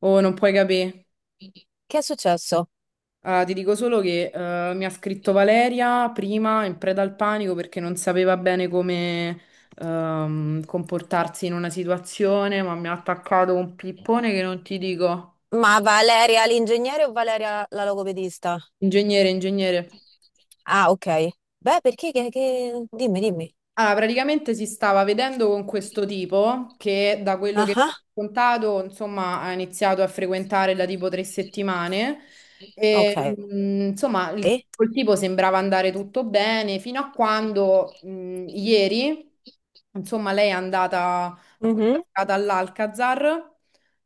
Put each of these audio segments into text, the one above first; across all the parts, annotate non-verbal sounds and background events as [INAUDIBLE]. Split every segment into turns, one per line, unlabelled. Oh, non puoi capire.
Che è successo?
Ah, ti dico solo che mi ha scritto Valeria prima in preda al panico perché non sapeva bene come comportarsi in una situazione, ma mi ha attaccato un pippone che non ti dico.
Ma Valeria l'ingegnere o Valeria la logopedista?
Ingegnere, ingegnere.
Ah, ok. Beh, perché dimmi, dimmi.
Allora, praticamente si stava vedendo con questo tipo che da quello
Ah,
che mi
ah,
ha raccontato, insomma, ha iniziato a frequentare da tipo 3 settimane e,
ok.
insomma, col tipo sembrava andare tutto bene fino a quando, ieri, insomma, lei è andata a questa
Mhm.
serata all'Alcazar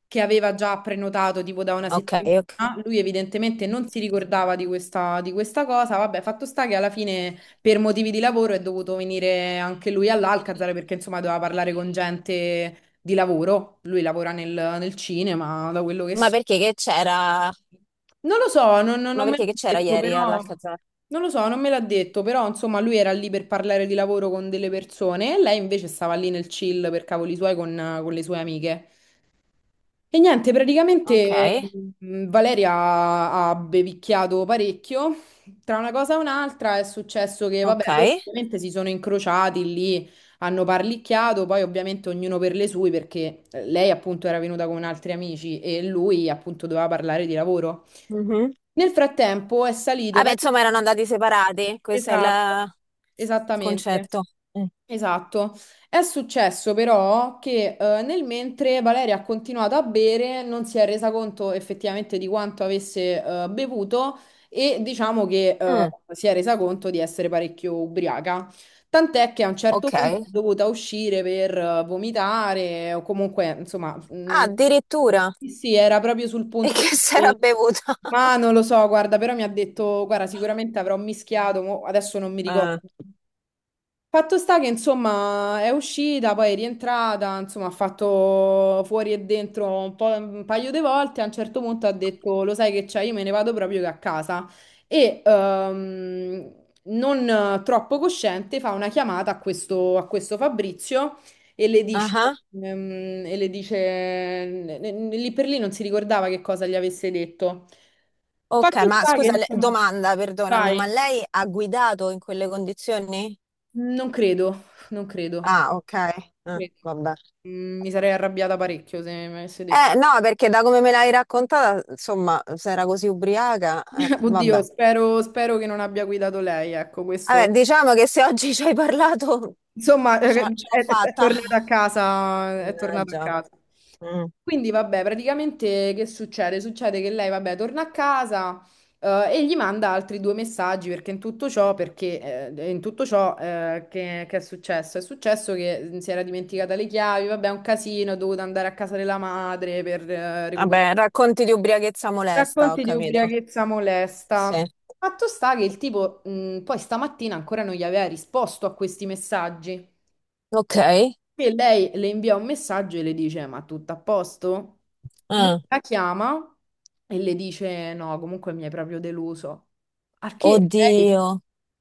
che aveva già prenotato tipo da una
Ok,
settimana.
ok.
Lui evidentemente non si ricordava di questa cosa. Vabbè, fatto sta che alla fine per motivi di lavoro è dovuto venire anche lui all'Alcazar perché insomma doveva parlare con gente di lavoro. Lui lavora nel cinema, da quello che
Ma
so.
perché che c'era?
Non lo so,
Ma
non me
perché
l'ha
che c'era
detto,
ieri
però
all'Alcazar?
non lo so, non me l'ha detto, però insomma lui era lì per parlare di lavoro con delle persone e lei invece stava lì nel chill per cavoli suoi con le sue amiche. E niente,
Ok,
praticamente Valeria ha bevicchiato parecchio. Tra una cosa e un'altra è successo che,
ok.
vabbè, loro ovviamente si sono incrociati lì, hanno parlicchiato, poi ovviamente ognuno per le sue, perché lei appunto era venuta con altri amici e lui appunto doveva parlare di lavoro.
Mhm.
Nel frattempo è salito
Vabbè,
parecchio.
insomma, erano andati separati. Questo è
Esatto,
il
esattamente.
concetto. Mm.
Esatto. È successo però che nel mentre Valeria ha continuato a bere, non si è resa conto effettivamente di quanto avesse bevuto e diciamo che
Mm,
si è resa conto di essere parecchio ubriaca. Tant'è che a un certo
ok.
punto è dovuta uscire per vomitare o comunque, insomma,
Ah, addirittura.
sì, sì, era proprio sul
E
punto
che [LAUGHS] si era
di...
bevuta?
Ma non lo so, guarda, però mi ha detto, guarda, sicuramente avrò mischiato, mo adesso non mi ricordo.
Ah,
Fatto sta che insomma è uscita, poi è rientrata, insomma ha fatto fuori e dentro un po', un paio di volte, a un certo punto ha detto lo sai che c'è, io me ne vado proprio che a casa e non troppo cosciente fa una chiamata a questo Fabrizio e le dice,
ah.
e le dice lì per lì non si ricordava che cosa gli avesse detto.
Ok,
Fatto
ma
sta che
scusa,
insomma,
domanda, perdonami,
vai,
ma lei ha guidato in quelle condizioni?
non credo, non credo.
Ah, ok. Vabbè.
Mm, mi sarei arrabbiata parecchio se mi avesse detto.
No, perché da come me l'hai raccontata, insomma, se era così ubriaca,
[LAUGHS]
vabbè.
Oddio, spero, spero che non abbia guidato lei, ecco, questo.
Vabbè, diciamo che se oggi ci hai parlato,
Insomma,
ce l'ho ce l'ho
è
fatta.
tornata a casa, è tornata a
Mannaggia.
casa.
Mm.
Quindi, vabbè, praticamente che succede? Succede che lei, vabbè, torna a casa, e gli manda altri due messaggi perché in tutto ciò, in tutto ciò, che è successo? È successo che si era dimenticata le chiavi, vabbè, è un casino, è dovuta andare a casa della madre per,
Vabbè,
recuperare.
racconti di ubriachezza molesta, ho
Racconti di
capito.
ubriachezza molesta.
Sì.
Fatto sta che il tipo, poi stamattina ancora non gli aveva risposto a questi messaggi.
Ok.
E lei le invia un messaggio e le dice: Ma tutto a posto? Lui
Ah,
la chiama e le dice: No, comunque mi hai proprio deluso. Al che lei,
oddio.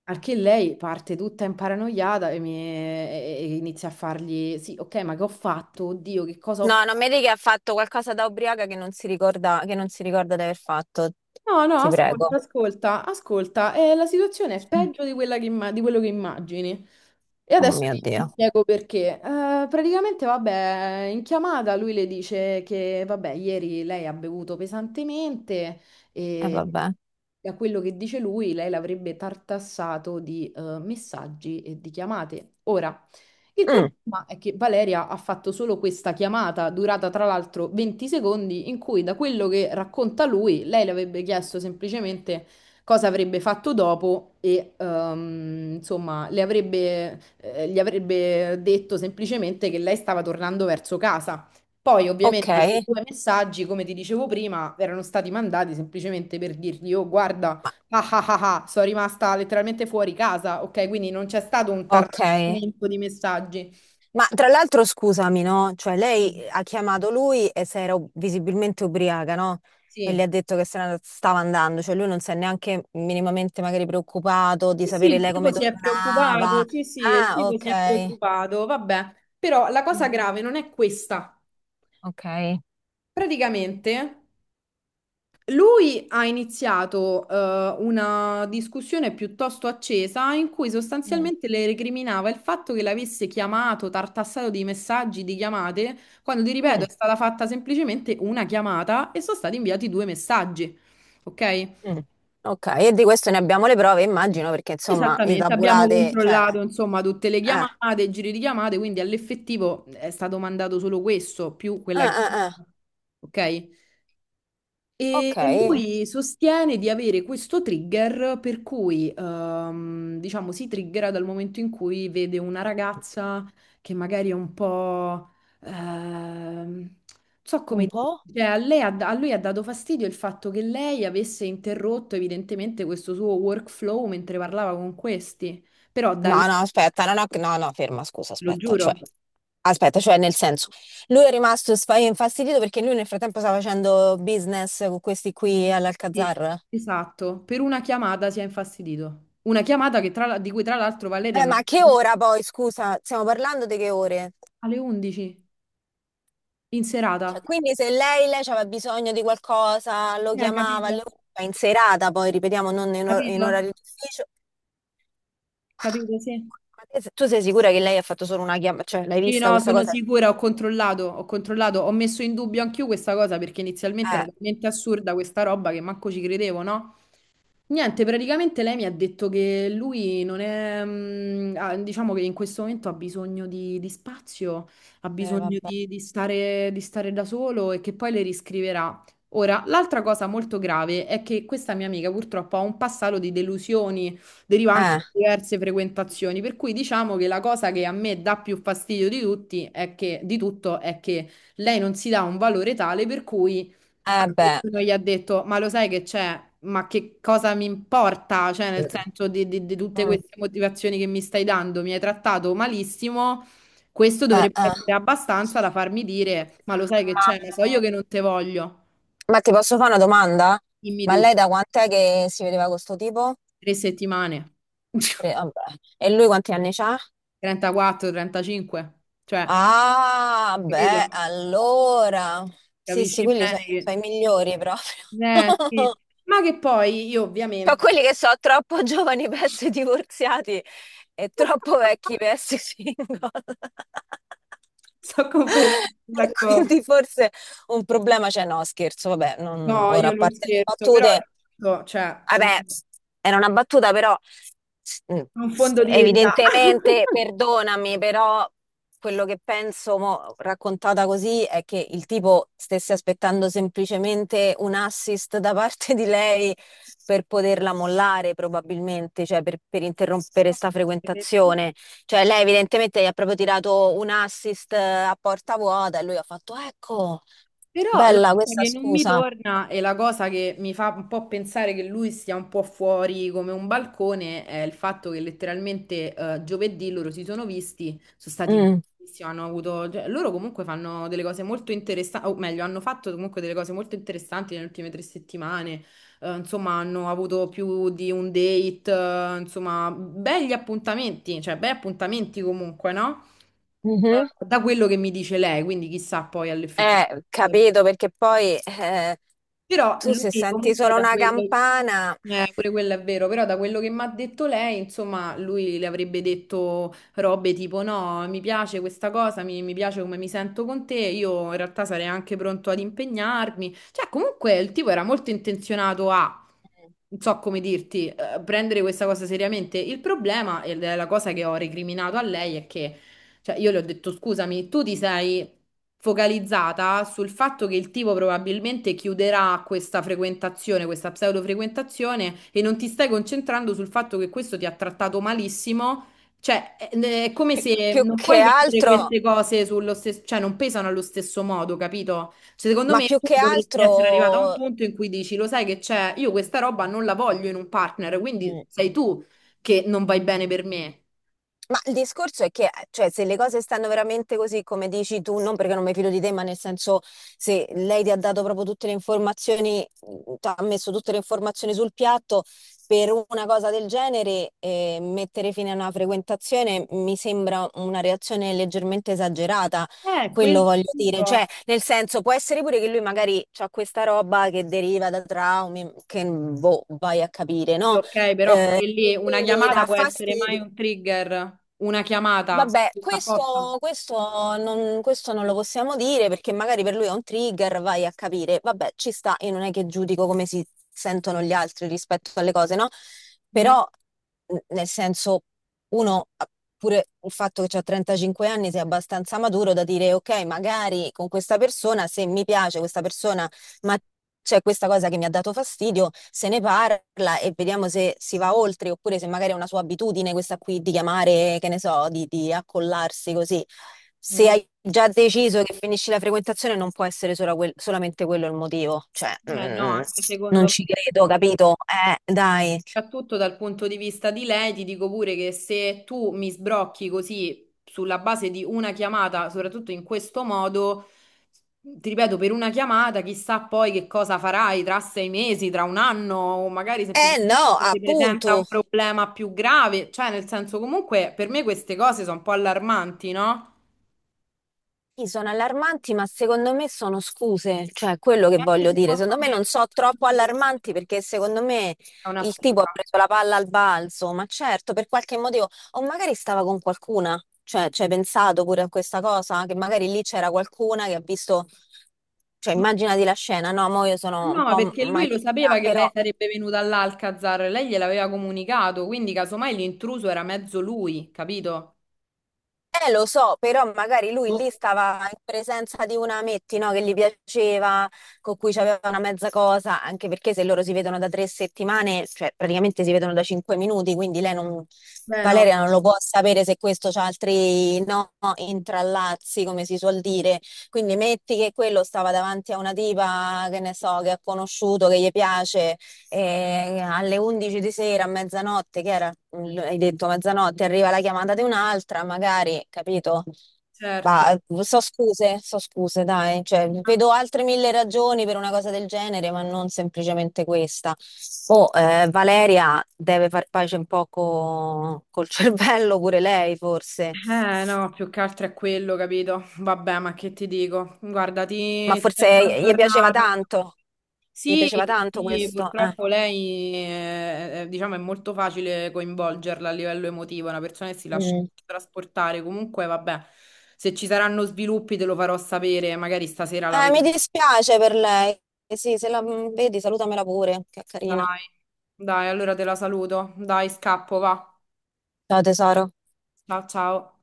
al che lei parte tutta imparanoiata e inizia a fargli: Sì, ok, ma che ho fatto? Oddio, che cosa ho
No,
fatto?
non mi dica che ha fatto qualcosa da ubriaca che non si ricorda, che non si ricorda di aver fatto,
No, no,
ti prego.
ascolta, ascolta, ascolta, la situazione è peggio di quello che immagini. E
Oh
adesso
mio
ti
Dio,
spiego perché. Praticamente, vabbè, in chiamata lui le dice che, vabbè, ieri lei ha bevuto pesantemente
e
e
vabbè.
a quello che dice lui, lei l'avrebbe tartassato di messaggi e di chiamate. Ora, il
Mm,
problema è che Valeria ha fatto solo questa chiamata, durata tra l'altro 20 secondi, in cui da quello che racconta lui, lei le avrebbe chiesto semplicemente cosa avrebbe fatto dopo e insomma gli avrebbe detto semplicemente che lei stava tornando verso casa. Poi
ok,
ovviamente quei due messaggi, come ti dicevo prima, erano stati mandati semplicemente per dirgli, oh guarda,
ma,
ah ah ah, ah, sono rimasta letteralmente fuori casa, ok? Quindi non c'è stato un
ok.
tartamento di messaggi.
Ma tra l'altro scusami, no? Cioè lei
Sì,
ha chiamato lui e se era visibilmente ubriaca, no? E
sì.
le ha detto che se ne stava andando, cioè lui non si è neanche minimamente magari preoccupato di
Sì, sì,
sapere
il
lei
tipo
come
si è
tornava.
preoccupato, sì, sì, il
Ah,
tipo si è
ok.
preoccupato, vabbè. Però la cosa
Mm,
grave non è questa.
ok.
Praticamente lui ha iniziato una discussione piuttosto accesa in cui
Mm.
sostanzialmente le recriminava il fatto che l'avesse chiamato, tartassato di messaggi, di chiamate, quando ti ripeto
Mm,
è stata fatta semplicemente una chiamata e sono stati inviati due messaggi. Ok?
mm. Ok, e di questo ne abbiamo le prove, immagino, perché insomma, i
Esattamente, abbiamo
tabulati, cioè,
controllato insomma tutte le
eh,
chiamate, i giri di chiamate, quindi all'effettivo è stato mandato solo questo più
eh,
quella
eh, eh.
chiamata. Ok? E
Ok,
lui sostiene di avere questo trigger per cui, diciamo, si triggera dal momento in cui vede una ragazza che magari è un po'... ehm, non so
un
come dire,
po'.
cioè, a lui ha dato fastidio il fatto che lei avesse interrotto evidentemente questo suo workflow mentre parlava con questi, però da
No,
lì,
no, aspetta, no, no, no, no, ferma, scusa,
lo giuro,
aspetta, cioè, nel senso, lui è rimasto infastidito perché lui nel frattempo sta facendo business con questi qui
sì,
all'Alcazar.
esatto, per una chiamata si è infastidito. Una chiamata di cui tra l'altro Valeria non...
Ma a che ora poi, scusa, stiamo parlando di che ore?
Alle 11 in
Cioè,
serata.
quindi se lei aveva bisogno di qualcosa, lo chiamava,
Capito,
ma in serata poi, ripetiamo, non in
capito?
orario d'ufficio.
Capito, sì.
Ma te se- tu sei sicura che lei ha fatto solo una chiamata? Cioè, l'hai
Sì,
vista
no,
questa
sono
cosa?
sicura, ho controllato, ho controllato, ho messo in dubbio anch'io questa cosa perché inizialmente era
Eh,
talmente assurda questa roba che manco ci credevo, no? Niente, praticamente lei mi ha detto che lui non è, diciamo che in questo momento ha bisogno di spazio, ha bisogno
vabbè.
di stare da solo e che poi le riscriverà. Ora, l'altra cosa molto grave è che questa mia amica purtroppo ha un passato di delusioni derivanti
Eh,
da diverse frequentazioni, per cui diciamo che la cosa che a me dà più fastidio di tutto è che lei non si dà un valore tale per cui a
eh beh.
questo gli ha detto, ma lo sai che c'è? Ma che cosa mi importa? Cioè, nel senso di tutte
Mm.
queste motivazioni che mi stai dando, mi hai trattato malissimo, questo dovrebbe
Eh.
essere abbastanza da farmi dire, ma lo sai che
Ma
c'è? Lo so io che non te voglio,
Ma ti posso fare una domanda?
dimmi
Ma lei
tutto,
da quant'è che si vedeva con sto tipo?
3 settimane,
Tre,
[LAUGHS]
vabbè. E lui quanti anni c'ha?
34, 35, cioè,
Ah,
capito?
beh, allora. Sì, sì,
Capisci
quelli sono
bene
i,
che...
sono i migliori proprio.
Sì.
[LAUGHS]
Ma che poi io
Ho
ovviamente...
quelli che sono troppo giovani per essere divorziati e troppo
[LAUGHS]
vecchi per essere single.
Sono completamente
[LAUGHS] E
d'accordo.
quindi forse un problema c'è, no, scherzo, vabbè,
No,
ora
io
a
non
parte le
scherzo, però è
battute,
tutto, cioè,
vabbè, era una battuta, però mm,
un fondo di verità.
evidentemente,
[LAUGHS]
perdonami, però quello che penso, mo, raccontata così, è che il tipo stesse aspettando semplicemente un assist da parte di lei per poterla mollare probabilmente, cioè per interrompere
No,
sta
perché
frequentazione. Cioè lei evidentemente gli ha proprio tirato un assist a porta vuota e lui ha fatto, ecco,
Però la
bella
cosa
questa
che non mi
scusa.
torna e la cosa che mi fa un po' pensare che lui stia un po' fuori come un balcone è il fatto che letteralmente giovedì loro si sono visti, sono stati
Mm,
bellissimi, hanno avuto, cioè, loro comunque fanno delle cose molto interessanti, o meglio, hanno fatto comunque delle cose molto interessanti nelle ultime 3 settimane, insomma hanno avuto più di un date, insomma, belli appuntamenti, cioè bei appuntamenti comunque, no?
mhm.
Da quello che mi dice lei, quindi chissà poi all'effettività.
Capito, perché poi
Però
tu se
lui
senti
comunque
solo
da
una
quello,
campana,
pure quello è vero, però da quello che mi ha detto lei, insomma, lui le avrebbe detto robe tipo no, mi piace questa cosa, mi piace come mi sento con te, io in realtà sarei anche pronto ad impegnarmi. Cioè, comunque il tipo era molto intenzionato a... Non so come dirti, prendere questa cosa seriamente. Il problema, e la cosa che ho recriminato a lei, è che cioè, io le ho detto, scusami, tu ti sei focalizzata sul fatto che il tipo probabilmente chiuderà questa frequentazione, questa pseudofrequentazione, e non ti stai concentrando sul fatto che questo ti ha trattato malissimo. Cioè, è come
più,
se
più
non
che
puoi mettere
altro,
queste cose sullo stesso, cioè non pesano allo stesso modo, capito? Cioè, secondo
ma
me
più
tu
che
dovresti essere arrivato a un
altro...
punto in cui dici, lo sai che c'è, io questa roba non la voglio in un partner, quindi
mm,
sei tu che non vai bene per me.
ma il discorso è che, cioè, se le cose stanno veramente così come dici tu, non perché non mi fido di te, ma nel senso, se lei ti ha dato proprio tutte le informazioni, ti ha messo tutte le informazioni sul piatto, per una cosa del genere, mettere fine a una frequentazione mi sembra una reazione leggermente esagerata,
Quello.
quello voglio dire. Cioè, nel senso, può essere pure che lui magari ha questa roba che deriva da traumi, che boh, vai a capire,
Sì,
no?
ok, però pure lì
E
una
quindi gli
chiamata
dà
può essere mai
fastidio.
un trigger, una chiamata,
Vabbè,
tutto a posto.
questo non lo possiamo dire perché magari per lui è un trigger, vai a capire. Vabbè, ci sta, io non è che giudico come si sentono gli altri rispetto alle cose, no?
Mhm,
Però, nel senso, uno, pure il fatto che ha 35 anni, sia abbastanza maturo da dire, ok, magari con questa persona, se mi piace questa persona ma c'è questa cosa che mi ha dato fastidio, se ne parla e vediamo se si va oltre oppure se magari è una sua abitudine questa qui di chiamare, che ne so, di accollarsi così. Se
mhm.
hai già deciso che finisci la frequentazione non può essere solo solamente quello il motivo, cioè
Eh no, anche secondo
non
me.
ci credo, capito? Dai.
Soprattutto dal punto di vista di lei, ti dico pure che se tu mi sbrocchi così sulla base di una chiamata, soprattutto in questo modo, ti ripeto, per una chiamata, chissà poi che cosa farai tra 6 mesi, tra un anno, o magari
Eh
semplicemente
no,
si presenta un
appunto.
problema più grave. Cioè, nel senso, comunque, per me queste cose sono un po' allarmanti, no?
Sì, sono allarmanti, ma secondo me sono scuse, cioè quello che
E anche
voglio dire.
secondo
Secondo me non
me
so troppo allarmanti perché secondo me
è una
il tipo ha
scusa.
preso la palla al balzo, ma certo, per qualche motivo, o magari stava con qualcuna, cioè ci hai pensato pure a questa cosa, che magari lì c'era qualcuna che ha visto, cioè immaginati la scena, no, mo io sono
No,
un
ma
po'
perché lui lo
maligna,
sapeva che
però
lei sarebbe venuta all'Alcazar, lei gliel'aveva comunicato, quindi casomai l'intruso era mezzo lui, capito?
Lo so, però magari lui
Boh.
lì stava in presenza di una Metti, no, che gli piaceva, con cui c'aveva una mezza cosa, anche perché se loro si vedono da 3 settimane, cioè praticamente si vedono da cinque minuti, quindi lei non,
Beh, no,
Valeria non lo può sapere se questo c'ha altri, no, intrallazzi, come si suol dire. Quindi metti che quello stava davanti a una tipa, che ne so, che ha conosciuto, che gli piace, e alle 11 di sera, a mezzanotte, che era, hai detto mezzanotte, arriva la chiamata di un'altra, magari, capito?
certo.
Ma so scuse, dai, cioè, vedo altre mille ragioni per una cosa del genere, ma non semplicemente questa. Oh, Valeria deve far pace un po' col [LAUGHS] cervello pure lei, forse.
No, più che altro è quello, capito? Vabbè, ma che ti dico? Guarda,
Ma
ti tengo
forse
aggiornata.
gli
Sì,
piaceva tanto
sì,
questo, eh.
purtroppo lei diciamo, è molto facile coinvolgerla a livello emotivo, è una persona che si lascia
Mm.
trasportare. Comunque, vabbè, se ci saranno sviluppi te lo farò sapere, magari stasera la vedo.
Mi dispiace per lei. Eh sì, se la vedi, salutamela pure, che è carina.
Dai, dai, allora te la saluto. Dai, scappo, va.
Ciao tesoro.
Ciao, ciao.